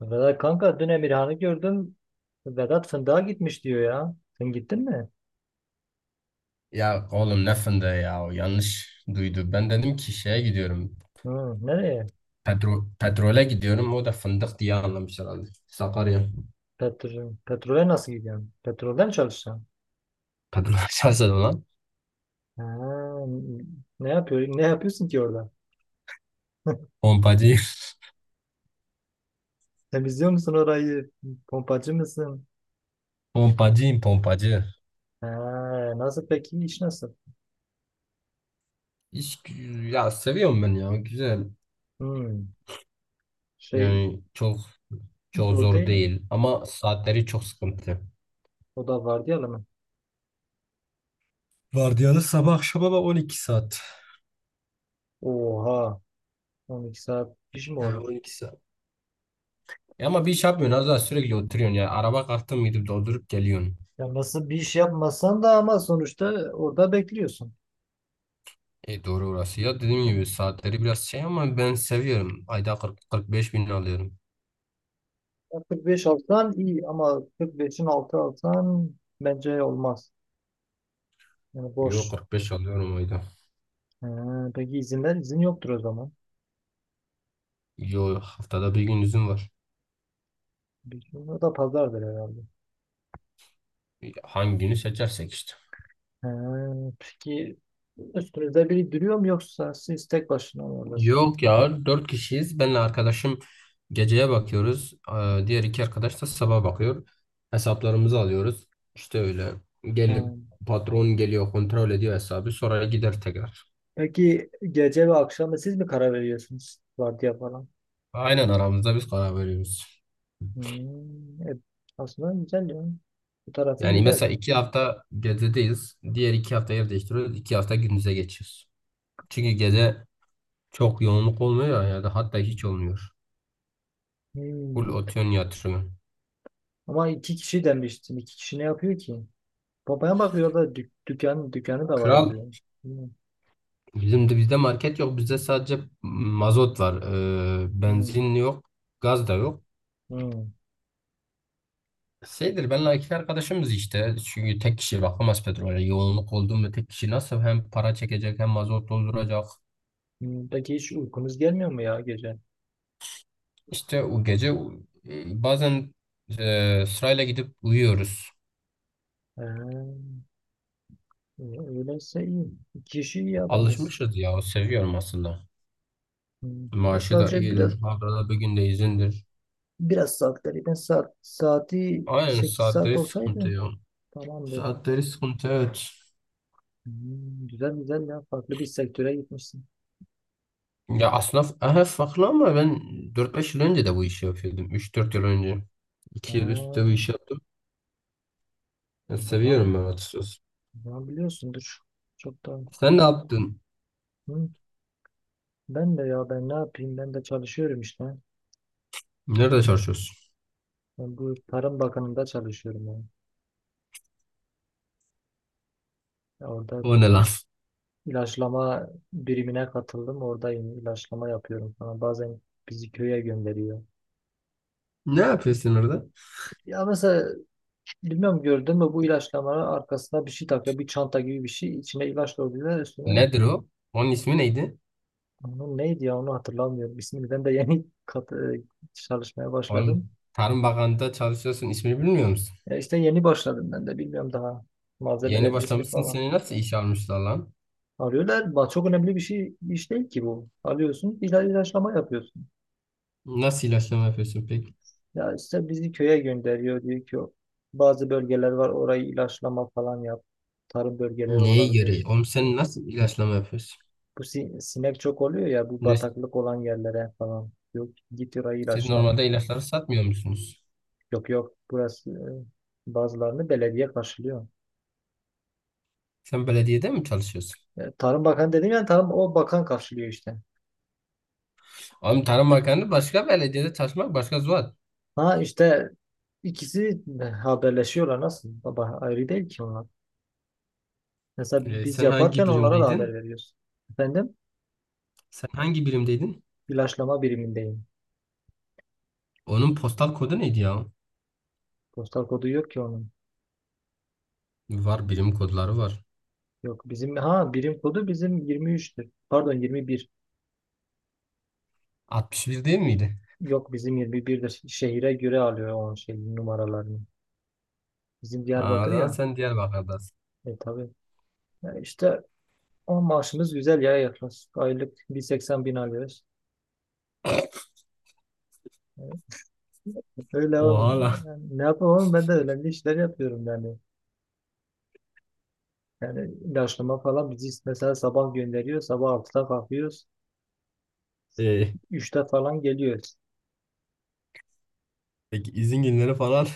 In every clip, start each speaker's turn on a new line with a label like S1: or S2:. S1: Vedat kanka dün Emirhan'ı gördüm. Vedat fındığa gitmiş diyor ya. Sen gittin mi?
S2: Ya oğlum ne fındığı ya o yanlış duydu. Ben dedim ki şeye gidiyorum.
S1: Hı, nereye?
S2: Petrole gidiyorum. O da fındık diye anlamış herhalde. Sakarya.
S1: Petrole nasıl gidiyorsun? Petrolden mi çalışacaksın?
S2: Petrol açarsa lan.
S1: Ha, ne yapıyorsun ki orada?
S2: Pompacı.
S1: Temizliyor musun orayı? Pompacı mısın?
S2: Pompacıyım pompacı.
S1: Ha, nasıl peki iş nasıl?
S2: İş, ya seviyorum ben ya. Güzel.
S1: Hı, şey
S2: Yani çok çok
S1: zor
S2: zor
S1: değil mi?
S2: değil. Ama saatleri çok sıkıntı.
S1: O da var diyelim mi?
S2: Vardiyalı sabah akşama bak 12 saat.
S1: Oha, 12 saat iş mi
S2: Yani
S1: olur?
S2: 12 saat. Ya ama bir iş yapmıyorsun. Az daha sürekli oturuyorsun ya. Araba kalktın mı gidip doldurup geliyorsun.
S1: Ya nasıl bir iş yapmasan da ama sonuçta orada bekliyorsun.
S2: E doğru orası. Ya dediğim gibi saatleri biraz şey ama ben seviyorum. Ayda 40-45 bin alıyorum.
S1: Ya 45 alsan iyi ama 45'in altı alsan bence olmaz. Yani
S2: Yo
S1: boş.
S2: 45 alıyorum ayda.
S1: He, peki izinler? İzin yoktur o zaman.
S2: Yo haftada bir gün izin var.
S1: Bir gün o da pazardır herhalde.
S2: Hangi günü seçersek işte.
S1: He, peki üstünüzde biri duruyor mu yoksa siz tek başına mı oradasınız?
S2: Yok ya 4 kişiyiz. Benle arkadaşım geceye bakıyoruz. Diğer 2 arkadaş da sabah bakıyor. Hesaplarımızı alıyoruz. İşte öyle.
S1: He.
S2: Gelip patron geliyor kontrol ediyor hesabı. Sonra gider tekrar.
S1: Peki gece ve akşamı siz mi karar veriyorsunuz? Vardiya falan.
S2: Aynen aramızda biz karar veriyoruz.
S1: Hmm, aslında güzel yani. Bu tarafı
S2: Yani
S1: güzel.
S2: mesela 2 hafta gecedeyiz. Diğer 2 hafta yer değiştiriyoruz. 2 hafta gündüze geçiyoruz. Çünkü gece çok yoğunluk olmuyor ya da hatta hiç olmuyor.
S1: Hmm.
S2: Full otuyon yatırımı.
S1: Ama iki kişi demiştin. İki kişi ne yapıyor ki? Babaya bakıyor da dükkanı da var
S2: Kral
S1: oluyor. Hmm,
S2: bizim de bizde market yok. Bizde sadece mazot var.
S1: hmm,
S2: Benzin yok. Gaz da yok.
S1: hmm,
S2: Şeydir benle 2 arkadaşımız işte. Çünkü tek kişi bakamaz petrole. Yoğunluk oldu mu tek kişi nasıl hem para çekecek hem mazot dolduracak.
S1: hmm. Peki hiç uykunuz gelmiyor mu ya gece?
S2: İşte o gece bazen sırayla gidip uyuyoruz.
S1: Ee, öyleyse iyi. Kişi iyi ya bence.
S2: Alışmışız ya. Seviyorum aslında.
S1: Hmm. Yok,
S2: Maaşı da
S1: sadece biraz
S2: iyidir. Haftada bir günde izindir.
S1: biraz saat gariben saati
S2: Aynen
S1: 8 saat
S2: saatleri sıkıntı
S1: olsaydı
S2: ya.
S1: tamamdı.
S2: Saatleri sıkıntı evet.
S1: Hmm, güzel güzel ya, farklı bir sektöre gitmişsin.
S2: Ya aslında aha, farklı ama ben 4-5 yıl önce de bu işi yapıyordum. 3-4 yıl önce. 2 yıl üstte bu
S1: Ha,
S2: işi yaptım. Ya
S1: o zaman, o
S2: seviyorum ben açıkçası.
S1: zaman biliyorsundur. Çok da.
S2: Sen ne yaptın?
S1: Hı. Ben de, ya ben ne yapayım, ben de çalışıyorum işte.
S2: Nerede çalışıyorsun?
S1: Ben bu Tarım Bakanı'nda çalışıyorum yani. Ya orada
S2: O ne lan?
S1: ilaçlama birimine katıldım. Oradayım. İlaçlama yapıyorum falan. Bazen bizi köye gönderiyor.
S2: Ne yapıyorsun orada?
S1: Ya mesela, bilmiyorum gördün mü, bu ilaçlamanın arkasına bir şey takıyor. Bir çanta gibi bir şey. İçine ilaç doluyorlar üstüne.
S2: Nedir o? Onun ismi neydi?
S1: Onun neydi ya, onu hatırlamıyorum. İsmini ben de yeni çalışmaya başladım.
S2: Oğlum Tarım Bakanlığı'nda çalışıyorsun. İsmini bilmiyor musun?
S1: Ya işte yeni başladım ben de. Bilmiyorum daha
S2: Yeni
S1: malzemelerin ismi
S2: başlamışsın.
S1: falan.
S2: Seni nasıl işe almışlar lan?
S1: Arıyorlar. Çok önemli bir şey iş değil ki bu. Alıyorsun, ilaçlama yapıyorsun.
S2: Nasıl ilaçlama yapıyorsun peki?
S1: Ya işte bizi köye gönderiyor, diyor ki bazı bölgeler var orayı ilaçlama falan yap. Tarım bölgeleri
S2: Neye göre?
S1: olabilir.
S2: Oğlum sen nasıl ilaçlama yapıyorsun?
S1: Bu sinek çok oluyor ya bu
S2: Siz
S1: bataklık olan yerlere falan. Yok, git orayı
S2: siz
S1: ilaçla.
S2: normalde ilaçları satmıyor musunuz?
S1: Yok yok, burası bazılarını belediye karşılıyor.
S2: Sen belediyede mi çalışıyorsun?
S1: E, Tarım Bakanı dedim yani, tarım o bakan karşılıyor işte.
S2: Oğlum Tarım Bakanı başka belediyede çalışmak başka zuhal.
S1: Ha işte ikisi haberleşiyorlar nasıl? Baba ayrı değil ki onlar. Mesela biz
S2: Sen
S1: yaparken
S2: hangi
S1: onlara da haber
S2: birimdeydin?
S1: veriyoruz. Efendim?
S2: Sen hangi birimdeydin?
S1: İlaçlama birimindeyim.
S2: Onun postal kodu neydi ya?
S1: Postal kodu yok ki onun.
S2: Var birim kodları var.
S1: Yok bizim birim kodu bizim 23'tür. Pardon, 21.
S2: 61 değil miydi?
S1: Yok, bizim 21'dir. Şehire göre alıyor o şey numaralarını. Bizim
S2: Ha, o
S1: Diyarbakır
S2: zaman
S1: ya.
S2: sen Diyarbakır'dasın.
S1: E tabii. Ya işte o maaşımız güzel ya, yaklaşık aylık 180 bin alıyoruz. Yani öyle
S2: Oha lan.
S1: yani ne yapayım oğlum, ben de önemli işler yapıyorum yani. Yani ilaçlama falan, bizi mesela sabah gönderiyor. Sabah 6'da kalkıyoruz.
S2: Ee,
S1: 3'te falan geliyoruz.
S2: peki izin günleri falan.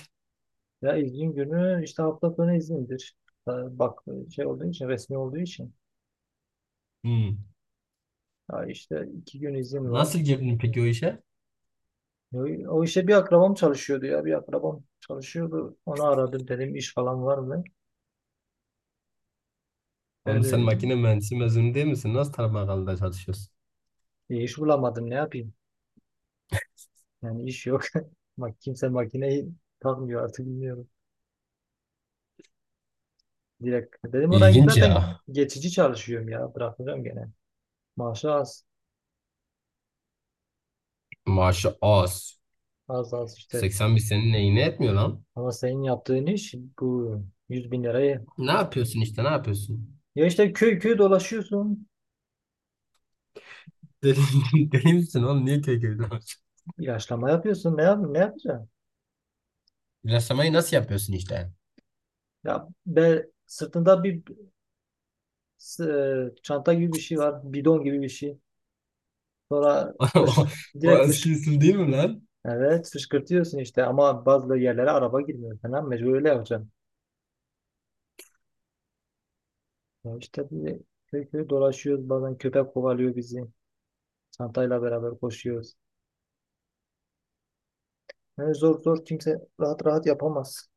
S1: Ya izin günü işte hafta sonu izindir. Ha, bak şey olduğu için, resmi olduğu için.
S2: Hmm.
S1: Ya işte 2 gün izin
S2: Nasıl
S1: var.
S2: girdin peki o işe?
S1: Ya o işte bir akrabam çalışıyordu ya. Bir akrabam çalışıyordu. Onu aradım, dedim iş falan var mı?
S2: Oğlum sen
S1: Yani
S2: makine mühendisi mezunu değil misin? Nasıl tarım çalışıyorsun?
S1: iş bulamadım, ne yapayım? Yani iş yok. Bak, kimse makineyi takmıyor artık, bilmiyorum. Direkt dedim oraya,
S2: İlginç
S1: zaten
S2: ya.
S1: geçici çalışıyorum ya. Bırakacağım gene. Maaşı az.
S2: Maaşı az.
S1: Az az işte.
S2: 80 bin senin neyine etmiyor lan?
S1: Ama senin yaptığın iş bu, 100 bin lirayı.
S2: Ne yapıyorsun işte ne yapıyorsun?
S1: Ya işte köy köy dolaşıyorsun.
S2: Deli, deli misin oğlum? Niye köy köyde maaş?
S1: İlaçlama yapıyorsun. Ne yapacaksın?
S2: İlaçlamayı nasıl yapıyorsun işte?
S1: Ya be, sırtında bir çanta gibi bir şey var. Bidon gibi bir şey. Sonra fış,
S2: O, o
S1: direkt
S2: eski
S1: fış.
S2: usul değil mi lan?
S1: Evet, fışkırtıyorsun işte ama bazı yerlere araba girmiyor falan. Mecbur öyle yapacaksın. Ya işte böyle köy köy dolaşıyoruz. Bazen köpek kovalıyor bizi. Çantayla beraber koşuyoruz. Yani zor zor, kimse rahat rahat yapamaz.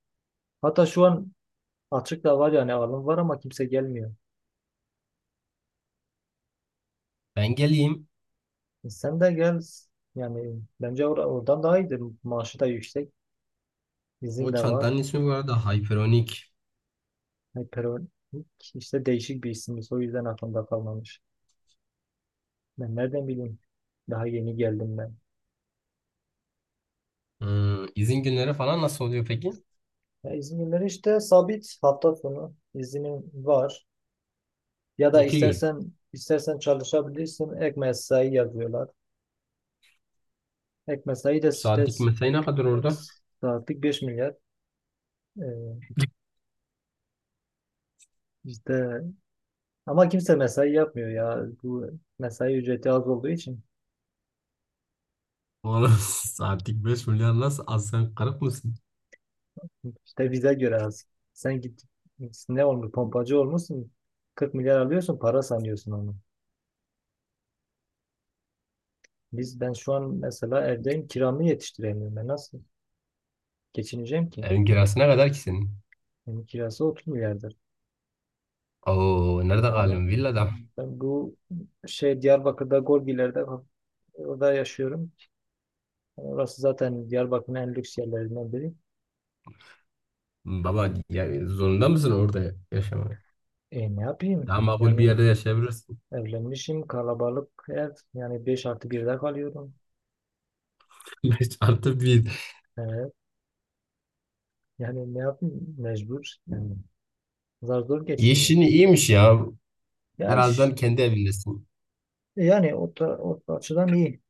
S1: Hatta şu an açık da var yani, alım var ama kimse gelmiyor.
S2: Ben geleyim.
S1: E sen de gel. Yani bence oradan daha iyidir. Maaşı da yüksek. İzin
S2: O
S1: de var.
S2: çantanın ismi bu arada Hyperonic.
S1: Hyperonic işte, değişik bir isimmiş. O yüzden aklımda kalmamış. Ben nereden bileyim? Daha yeni geldim ben.
S2: Hmm, izin günleri falan nasıl oluyor peki?
S1: Ya İzmirler işte, sabit hafta sonu izinin var. Ya da
S2: 2 gün.
S1: istersen çalışabilirsin. Ek mesai yazıyorlar. Ek mesai de işte
S2: Saatlik mesai ne kadar orada?
S1: saatlik 5 milyar. Ee, işte ama kimse mesai yapmıyor ya. Bu mesai ücreti az olduğu için,
S2: Oğlum saatlik 5 milyar nasıl az sen kırık mısın?
S1: işte bize göre az. Sen git, ne olmuş pompacı olmuşsun. 40 milyar alıyorsun, para sanıyorsun onu. Ben şu an mesela evdeyim, kiramı yetiştiremiyorum. Ben nasıl geçineceğim ki?
S2: Evin kirası ne kadar ki senin?
S1: Benim kirası 30 milyardır.
S2: Oo nerede
S1: Ama
S2: kalayım? Villada.
S1: ben bu şey, Diyarbakır'da Gorgiler'de orada yaşıyorum. Orası zaten Diyarbakır'ın en lüks yerlerinden biri.
S2: Baba ya, zorunda mısın orada yaşamaya?
S1: E ne yapayım?
S2: Daha makul bir
S1: Yani
S2: yerde yaşayabilirsin.
S1: evlenmişim, kalabalık ev. Yani 5 artı birde kalıyorum.
S2: 5 artı bir.
S1: Evet. Yani ne yapayım? Mecbur. Yani zar zor geçiniyorum.
S2: Yeşini iyiymiş ya.
S1: Ya iş
S2: Herhalde kendi evindesin.
S1: yani, o o açıdan iyi.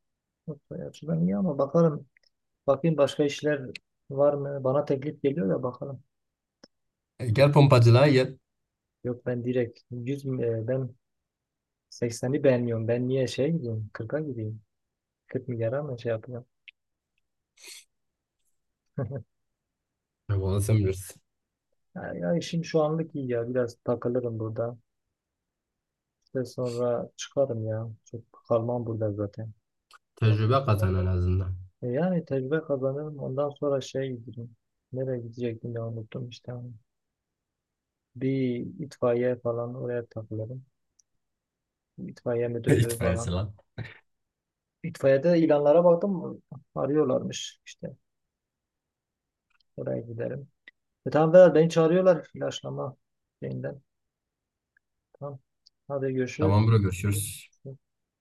S1: O açıdan iyi, ama bakayım başka işler var mı? Bana teklif geliyor da, bakalım.
S2: E, gel pompacılığa gel.
S1: Yok, ben direkt 100 ben 80'i beğenmiyorum. Ben niye şey gideyim? 40'a gideyim. 40 milyara mı şey yapacağım?
S2: Ne sen bilirsin.
S1: Ya işim şu anlık iyi ya. Biraz takılırım burada. İşte sonra çıkarım ya. Çok kalmam burada zaten.
S2: Tecrübe kazan en azından.
S1: E, yani tecrübe kazanırım. Ondan sonra şey giderim. Nereye gidecektim ya, unuttum işte. Bir itfaiye falan, oraya takılırım. İtfaiye müdürlüğü
S2: İtfaiyesi
S1: falan.
S2: lan.
S1: İtfaiyede ilanlara baktım. Arıyorlarmış işte. Oraya gidelim. E tamam Vedat, beni çağırıyorlar ilaçlama şeyinden. Tamam. Hadi görüşürüz.
S2: Tamam bro görüşürüz.